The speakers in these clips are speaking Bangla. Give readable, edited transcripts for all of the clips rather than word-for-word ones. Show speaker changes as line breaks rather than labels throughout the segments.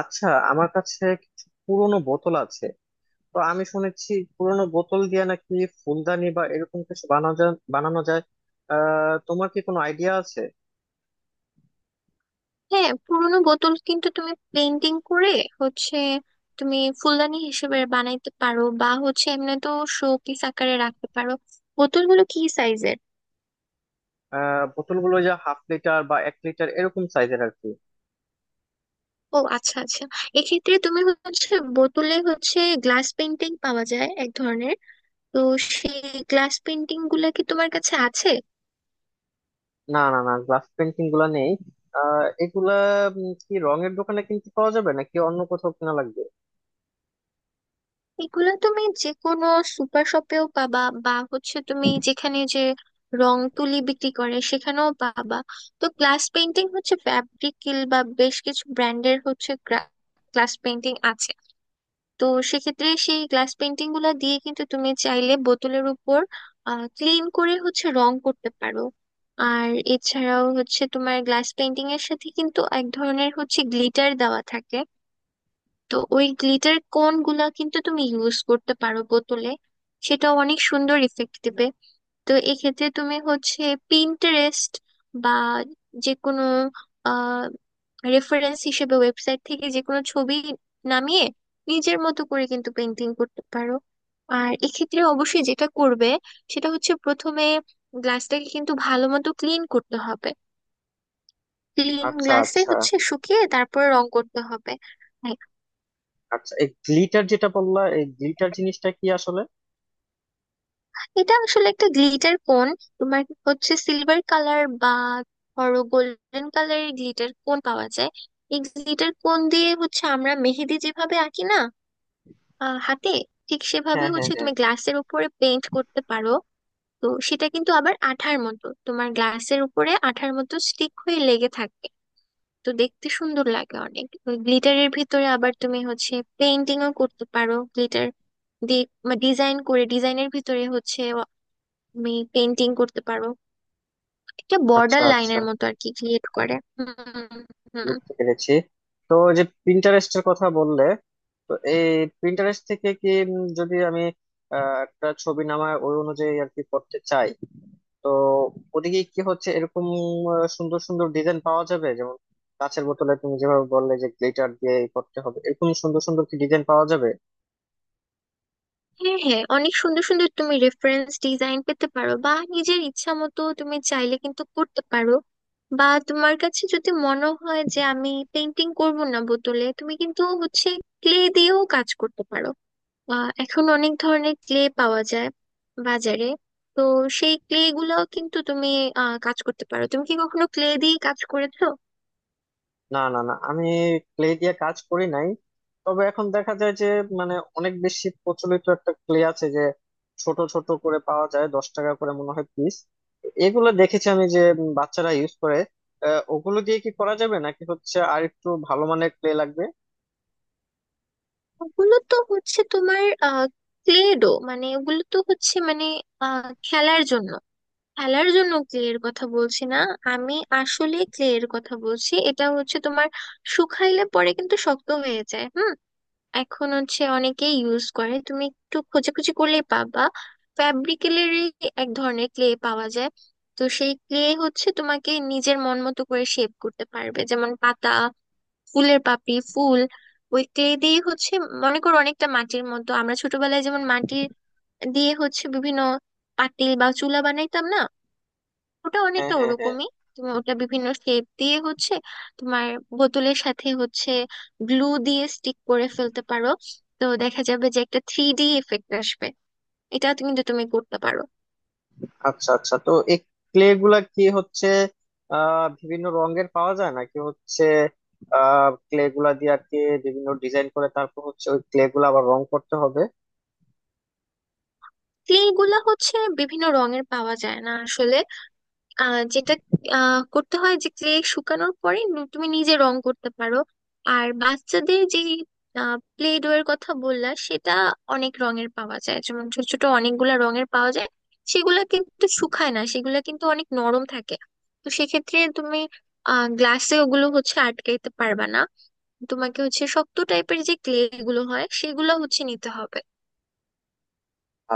আচ্ছা, আমার কাছে কিছু পুরোনো বোতল আছে। তো আমি শুনেছি পুরোনো বোতল দিয়ে নাকি ফুলদানি বা এরকম কিছু বানানো যায়। তোমার কি কোনো আইডিয়া আছে?
হ্যাঁ, পুরোনো বোতল কিন্তু তুমি পেন্টিং করে হচ্ছে তুমি ফুলদানি হিসেবে বানাইতে পারো, বা এমনি তো শোপিস আকারে রাখতে পারো। বোতলগুলো কি সাইজের?
বোতলগুলো যা হাফ লিটার বা এক লিটার এরকম সাইজের আর কি।
ও আচ্ছা, আচ্ছা। এক্ষেত্রে তুমি বোতলে গ্লাস পেন্টিং পাওয়া যায় এক ধরনের। তো সেই গ্লাস পেন্টিং গুলা কি তোমার কাছে আছে?
না না না গ্লাস পেন্টিং গুলা নেই। আহ এগুলা কি রঙের দোকানে কিনতে পাওয়া যাবে নাকি অন্য কোথাও কিনা লাগবে?
এগুলো তুমি যে কোনো সুপার শপেও পাবা, বা তুমি যেখানে যে রং তুলি বিক্রি করে সেখানেও পাবা। তো গ্লাস পেইন্টিং ফ্যাব্রিকিল বা বেশ কিছু ব্র্যান্ডের গ্লাস পেইন্টিং আছে। তো সেক্ষেত্রে সেই গ্লাস পেইন্টিং গুলো দিয়ে কিন্তু তুমি চাইলে বোতলের উপর ক্লিন করে রং করতে পারো। আর এছাড়াও তোমার গ্লাস পেইন্টিং এর সাথে কিন্তু এক ধরনের গ্লিটার দেওয়া থাকে। তো ওই গ্লিটার কোন গুলা কিন্তু তুমি ইউজ করতে পারো বোতলে, সেটা অনেক সুন্দর ইফেক্ট দেবে। তো এক্ষেত্রে তুমি পিন্টারেস্ট বা যে কোনো আহ রেফারেন্স হিসেবে ওয়েবসাইট থেকে যে কোনো ছবি নামিয়ে নিজের মতো করে কিন্তু পেন্টিং করতে পারো। আর এক্ষেত্রে অবশ্যই যেটা করবে সেটা হচ্ছে প্রথমে গ্লাসটাকে কিন্তু ভালো মতো ক্লিন করতে হবে। ক্লিন
আচ্ছা
গ্লাসে
আচ্ছা।
শুকিয়ে তারপর রং করতে হবে। হ্যাঁ।
আচ্ছা, এই গ্লিটার যেটা বললা, এই গ্লিটার জিনিসটা কি আসলে?
এটা আসলে একটা গ্লিটার কোন। তোমার সিলভার কালার বা ধরো গোল্ডেন কালারের গ্লিটার কোন পাওয়া যায়। এই গ্লিটার কোন দিয়ে আমরা মেহেদি যেভাবে আঁকি না, হাতে, ঠিক সেভাবে
হ্যাঁ, হ্যাঁ, হ্যাঁ।
তুমি গ্লাসের উপরে পেইন্ট করতে পারো। তো সেটা কিন্তু আবার আঠার মতো তোমার গ্লাসের উপরে আঠার মতো স্টিক হয়ে লেগে থাকে। তো দেখতে সুন্দর লাগে অনেক। গ্লিটারের ভিতরে আবার তুমি পেইন্টিংও করতে পারো, গ্লিটার দিয়ে ডিজাইন করে ডিজাইনের ভিতরে তুমি পেন্টিং করতে পারো, একটা
আচ্ছা
বর্ডার
আচ্ছা,
লাইনের মতো আর কি ক্রিয়েট করে। হুম। হুম।
বুঝতে পেরেছি। তো যে প্রিন্টারেস্টের কথা বললে, তো এই প্রিন্টারেস্ট থেকে কি যদি আমি একটা ছবি নামায় ওই অনুযায়ী আর কি করতে চাই, তো ওদিকে কি হচ্ছে এরকম সুন্দর সুন্দর ডিজাইন পাওয়া যাবে? যেমন কাঁচের বোতলে তুমি যেভাবে বললে যে গ্লিটার দিয়ে করতে হবে, এরকম সুন্দর সুন্দর কি ডিজাইন পাওয়া যাবে?
হ্যাঁ, হ্যাঁ, অনেক সুন্দর সুন্দর তুমি রেফারেন্স ডিজাইন পেতে পারো, বা নিজের ইচ্ছা মতো তুমি চাইলে কিন্তু করতে পারো। বা তোমার কাছে যদি মনে হয় যে আমি পেন্টিং করব না বোতলে, তুমি কিন্তু ক্লে দিয়েও কাজ করতে পারো। এখন অনেক ধরনের ক্লে পাওয়া যায় বাজারে। তো সেই ক্লে গুলাও কিন্তু তুমি কাজ করতে পারো। তুমি কি কখনো ক্লে দিয়ে কাজ করেছো?
না না না আমি ক্লে দিয়ে কাজ করি নাই। তবে এখন দেখা যায় যে মানে অনেক বেশি প্রচলিত একটা ক্লে আছে যে ছোট ছোট করে পাওয়া যায়, 10 টাকা করে মনে হয় পিস। এগুলো দেখেছি আমি যে বাচ্চারা ইউজ করে। ওগুলো দিয়ে কি করা যাবে নাকি হচ্ছে আর একটু ভালো মানের ক্লে লাগবে?
ওগুলো তো হচ্ছে তোমার ক্লে ডো, মানে ওগুলো তো হচ্ছে মানে খেলার জন্য। খেলার জন্য ক্লে এর কথা বলছি না আমি, আসলে ক্লে এর কথা বলছি, এটা হচ্ছে তোমার শুকাইলে পরে কিন্তু শক্ত হয়ে যায়। হুম। এখন অনেকেই ইউজ করে, তুমি একটু খোঁজাখুঁজি করলেই পাবা। ফ্যাব্রিকেলেরই এক ধরনের ক্লে পাওয়া যায়। তো সেই ক্লে তোমাকে নিজের মন মতো করে শেপ করতে পারবে, যেমন পাতা, ফুলের পাপড়ি, ফুল। ওই ক্লে দিয়ে মনে করো অনেকটা মাটির মতো, আমরা ছোটবেলায় যেমন মাটি দিয়ে বিভিন্ন পাতিল বা চুলা বানাইতাম না, ওটা
হ্যাঁ,
অনেকটা
হ্যাঁ, হ্যাঁ।
ওরকমই। তুমি ওটা বিভিন্ন শেপ দিয়ে তোমার বোতলের সাথে গ্লু দিয়ে স্টিক করে ফেলতে পারো। তো দেখা যাবে যে একটা 3D এফেক্ট আসবে। এটা কিন্তু তুমি করতে পারো।
আচ্ছা আচ্ছা। তো এই ক্লে গুলা কি হচ্ছে বিভিন্ন রঙের পাওয়া যায় নাকি হচ্ছে ক্লে গুলা দিয়ে আর কি বিভিন্ন ডিজাইন করে তারপর হচ্ছে ওই ক্লে গুলা আবার রং করতে হবে?
ক্লে গুলা বিভিন্ন রঙের পাওয়া যায় না আসলে। যেটা করতে হয় যে ক্লে শুকানোর পরে তুমি নিজে রং করতে পারো। আর বাচ্চাদের যে প্লে ডো এর কথা বললা সেটা অনেক রঙের পাওয়া যায়, যেমন ছোট ছোট অনেকগুলা রঙের পাওয়া যায়। সেগুলা কিন্তু শুকায় না, সেগুলা কিন্তু অনেক নরম থাকে। তো সেক্ষেত্রে তুমি গ্লাসে ওগুলো আটকাইতে পারবা না। তোমাকে শক্ত টাইপের যে ক্লে গুলো হয় সেগুলো নিতে হবে।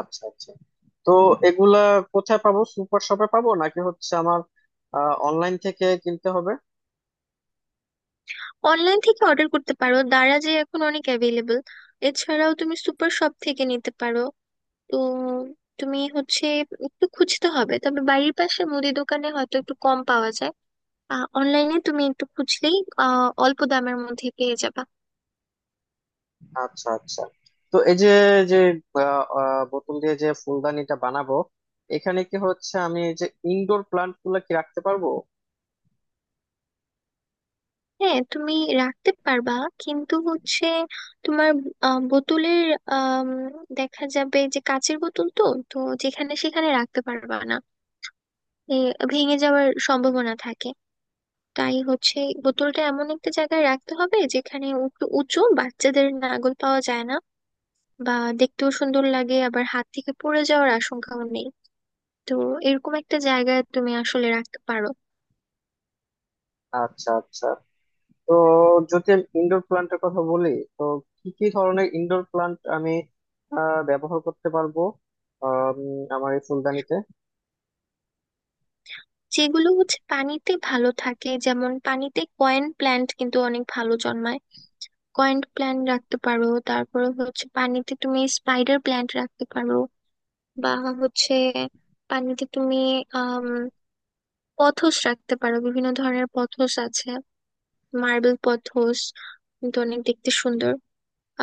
আচ্ছা আচ্ছা। তো এগুলা কোথায় পাবো? সুপার শপে পাবো নাকি হচ্ছে আমার অনলাইন থেকে কিনতে হবে?
অনলাইন থেকে অর্ডার করতে পারো, দারাজে এখন অনেক অ্যাভেলেবল। এছাড়াও তুমি সুপার শপ থেকে নিতে পারো। তো তুমি একটু খুঁজতে হবে, তবে বাড়ির পাশে মুদি দোকানে হয়তো একটু কম পাওয়া যায়। অনলাইনে তুমি একটু খুঁজলেই অল্প দামের মধ্যে পেয়ে যাবে।
আচ্ছা আচ্ছা। তো এই যে যে আহ, আহ, বোতল দিয়ে যে ফুলদানিটা বানাবো, এখানে কি হচ্ছে আমি এই যে ইনডোর প্লান্ট গুলা কি রাখতে পারবো?
হ্যাঁ, তুমি রাখতে পারবা, কিন্তু তোমার বোতলের আম, দেখা যাবে যে কাঁচের বোতল তো, তো যেখানে সেখানে রাখতে পারবা না, এ, ভেঙে যাওয়ার সম্ভাবনা থাকে। তাই এই বোতলটা এমন একটা জায়গায় রাখতে হবে যেখানে একটু উঁচু, বাচ্চাদের নাগাল পাওয়া যায় না, বা দেখতেও সুন্দর লাগে, আবার হাত থেকে পড়ে যাওয়ার আশঙ্কাও নেই। তো এরকম একটা জায়গায় তুমি আসলে রাখতে পারো।
আচ্ছা আচ্ছা। তো যদি আমি ইনডোর প্লান্টের কথা বলি, তো কি কি ধরনের ইনডোর প্লান্ট আমি ব্যবহার করতে পারবো আম, আমার এই ফুলদানিতে?
যেগুলো পানিতে ভালো থাকে, যেমন পানিতে কয়েন প্ল্যান্ট কিন্তু অনেক ভালো জন্মায়। কয়েন প্ল্যান্ট রাখতে পারো, তারপরে পানিতে তুমি স্পাইডার প্ল্যান্ট রাখতে পারো, বা হচ্ছে পানিতে তুমি আহ পথস রাখতে পারো। বিভিন্ন ধরনের পথস আছে, মার্বেল পথস কিন্তু অনেক দেখতে সুন্দর।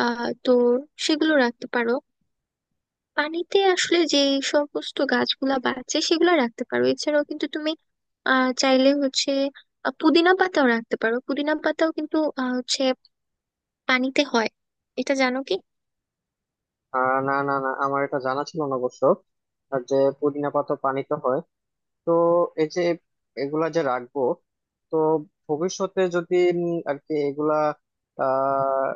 তো সেগুলো রাখতে পারো। পানিতে আসলে যে সমস্ত গাছগুলা বাঁচে সেগুলো রাখতে পারো। এছাড়াও কিন্তু তুমি চাইলে পুদিনা পাতাও রাখতে পারো, পুদিনা পাতাও কিন্তু পানিতে হয়। এটা জানো কি?
না, না, না, আমার এটা জানা ছিল না অবশ্য। আর যে পুদিনা পাতা পানিতে হয়। তো এই যে এগুলা যে রাখবো, তো ভবিষ্যতে যদি আর কি এগুলা আহ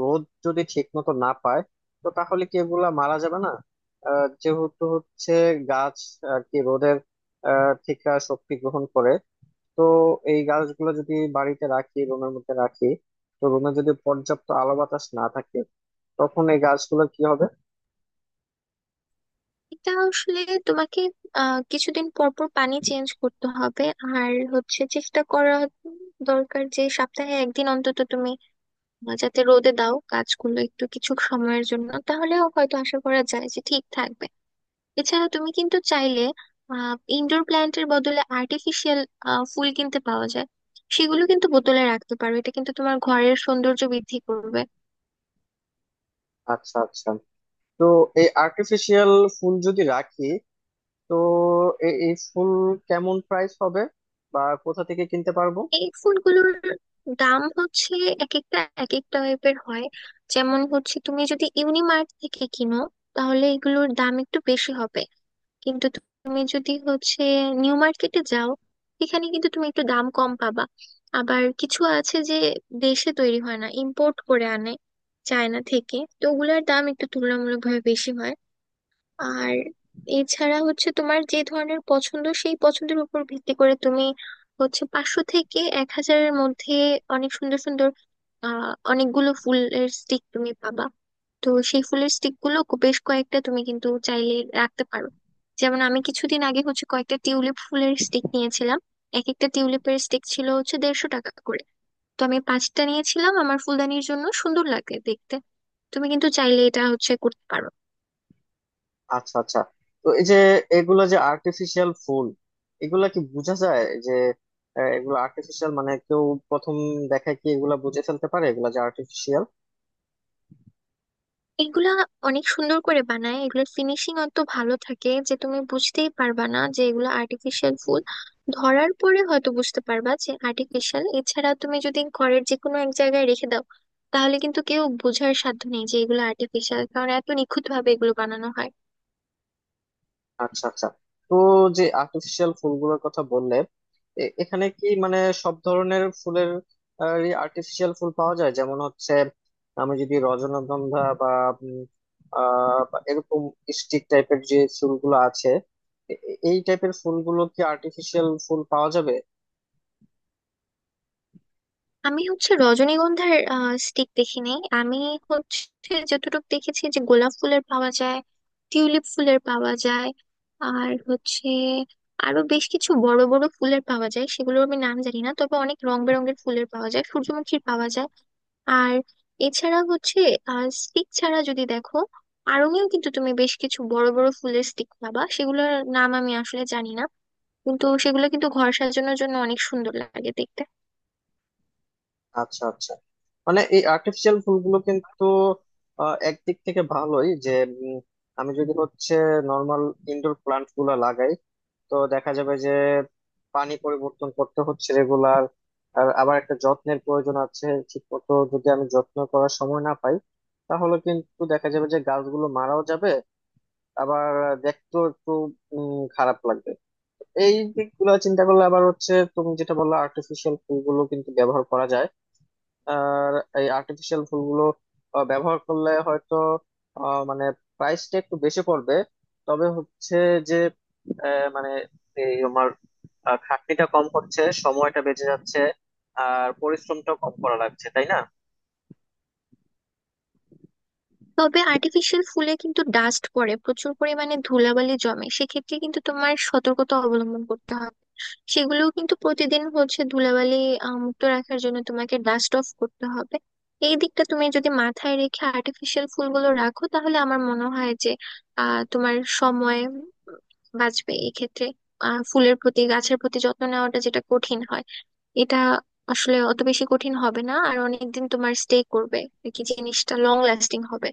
রোদ যদি ঠিক মতো না পায়, তো তাহলে কি এগুলা মারা যাবে না? যেহেতু হচ্ছে গাছ আর কি রোদের থেকে শক্তি গ্রহণ করে, তো এই গাছগুলো যদি বাড়িতে রাখি, রুমের মধ্যে রাখি, তো রুমে যদি পর্যাপ্ত আলো বাতাস না থাকে, তখন এই গাছগুলো কি হবে?
এটা আসলে তোমাকে কিছুদিন পর পর পানি চেঞ্জ করতে হবে। আর চেষ্টা করা দরকার যে সপ্তাহে একদিন অন্তত তুমি যাতে রোদে দাও গাছগুলো একটু কিছু সময়ের জন্য, তাহলেও হয়তো আশা করা যায় যে ঠিক থাকবে। এছাড়া তুমি কিন্তু চাইলে ইনডোর প্ল্যান্টের বদলে আর্টিফিশিয়াল ফুল কিনতে পাওয়া যায়। সেগুলো কিন্তু বোতলে রাখতে পারো, এটা কিন্তু তোমার ঘরের সৌন্দর্য বৃদ্ধি করবে।
আচ্ছা আচ্ছা। তো এই আর্টিফিশিয়াল ফুল যদি রাখি, তো এই ফুল কেমন প্রাইস হবে বা কোথা থেকে কিনতে পারবো?
এই ফুলগুলোর দাম এক একটা এক এক টাইপের হয়। যেমন তুমি যদি ইউনিমার্ট থেকে কিনো, তাহলে এগুলোর দাম একটু বেশি হবে। কিন্তু তুমি যদি নিউ মার্কেটে যাও, এখানে কিন্তু তুমি একটু দাম কম পাবা। আবার কিছু আছে যে দেশে তৈরি হয় না, ইম্পোর্ট করে আনে চায়না থেকে, তো ওগুলোর দাম একটু তুলনামূলকভাবে বেশি হয়। আর এছাড়া তোমার যে ধরনের পছন্দ সেই পছন্দের উপর ভিত্তি করে তুমি 500 থেকে 1,000 এর মধ্যে অনেক সুন্দর সুন্দর অনেকগুলো ফুলের স্টিক তুমি পাবা। তো সেই ফুলের স্টিক গুলো বেশ কয়েকটা তুমি কিন্তু চাইলে রাখতে পারো। যেমন আমি কিছুদিন আগে কয়েকটা টিউলিপ ফুলের স্টিক নিয়েছিলাম। এক একটা টিউলিপের স্টিক ছিল 150 টাকা করে। তো আমি 5টা নিয়েছিলাম আমার ফুলদানির জন্য, সুন্দর লাগে দেখতে। তুমি কিন্তু চাইলে এটা করতে পারো।
আচ্ছা আচ্ছা। তো এই যে এগুলা যে আর্টিফিশিয়াল ফুল, এগুলা কি বোঝা যায় যে এগুলো আর্টিফিশিয়াল? মানে কেউ প্রথম দেখায় কি এগুলা বুঝে ফেলতে পারে এগুলা যে আর্টিফিশিয়াল?
এগুলা অনেক সুন্দর করে বানায়, এগুলোর ফিনিশিং অত ভালো থাকে যে তুমি বুঝতেই পারবা না যে এগুলো আর্টিফিশিয়াল ফুল। ধরার পরে হয়তো বুঝতে পারবা যে আর্টিফিশিয়াল, এছাড়া তুমি যদি ঘরের যে কোনো এক জায়গায় রেখে দাও তাহলে কিন্তু কেউ বোঝার সাধ্য নেই যে এগুলো আর্টিফিশিয়াল, কারণ এত নিখুঁত ভাবে এগুলো বানানো হয়।
আচ্ছা আচ্ছা। তো যে আর্টিফিশিয়াল ফুলগুলোর কথা বললে, এখানে কি মানে সব ধরনের ফুলের আর্টিফিশিয়াল ফুল পাওয়া যায়? যেমন হচ্ছে আমি যদি রজনীগন্ধা বা উম, বা এরকম স্টিক টাইপের যে ফুলগুলো আছে, এই টাইপের ফুলগুলো কি আর্টিফিশিয়াল ফুল পাওয়া যাবে?
আমি রজনীগন্ধার স্টিক দেখিনি। আমি যতটুকু দেখেছি যে গোলাপ ফুলের পাওয়া যায়, টিউলিপ ফুলের পাওয়া যায়। আর আরো বেশ কিছু বড় বড় ফুলের পাওয়া যায়, সেগুলোর আমি নাম জানি না, তবে অনেক রং বেরঙের ফুলের পাওয়া যায়, সূর্যমুখীর পাওয়া যায়। আর এছাড়া স্টিক ছাড়া যদি দেখো, আড়ঙেও কিন্তু তুমি বেশ কিছু বড় বড় ফুলের স্টিক পাবা, সেগুলোর নাম আমি আসলে জানি না, কিন্তু সেগুলো কিন্তু ঘর সাজানোর জন্য অনেক সুন্দর লাগে দেখতে।
আচ্ছা আচ্ছা। মানে এই আর্টিফিশিয়াল ফুলগুলো কিন্তু একদিক থেকে ভালোই যে উম, আমি যদি হচ্ছে নর্মাল ইনডোর প্লান্ট গুলা লাগাই, তো দেখা যাবে যে পানি পরিবর্তন করতে হচ্ছে রেগুলার, আর আবার একটা যত্নের প্রয়োজন আছে। ঠিক মতো যদি আমি যত্ন করার সময় না পাই, তাহলে কিন্তু দেখা যাবে যে গাছগুলো মারাও যাবে, আবার দেখতেও একটু খারাপ লাগবে। এই দিকগুলো চিন্তা করলে আবার হচ্ছে তুমি যেটা বললো আর্টিফিশিয়াল ফুলগুলো কিন্তু ব্যবহার করা যায়। আর এই আর্টিফিশিয়াল ফুলগুলো ব্যবহার করলে হয়তো মানে প্রাইসটা একটু বেশি পড়বে, তবে হচ্ছে যে মানে এই আমার খাটনিটা কম হচ্ছে, সময়টা বেঁচে যাচ্ছে, আর পরিশ্রমটাও কম করা লাগছে, তাই না?
তবে আর্টিফিশিয়াল ফুলে কিন্তু ডাস্ট পড়ে, প্রচুর পরিমাণে ধুলাবালি জমে, সেক্ষেত্রে কিন্তু তোমার সতর্কতা অবলম্বন করতে হবে। সেগুলোও কিন্তু প্রতিদিন ধুলাবালি মুক্ত রাখার জন্য তোমাকে ডাস্ট অফ করতে হবে। এই দিকটা তুমি যদি মাথায় রেখে আর্টিফিশিয়াল ফুলগুলো রাখো, তাহলে আমার মনে হয় যে তোমার সময় বাঁচবে এক্ষেত্রে। ফুলের প্রতি, গাছের প্রতি যত্ন নেওয়াটা যেটা কঠিন হয়, এটা আসলে অত বেশি কঠিন হবে না, আর অনেকদিন তোমার স্টে করবে, আর কি জিনিসটা লং লাস্টিং হবে।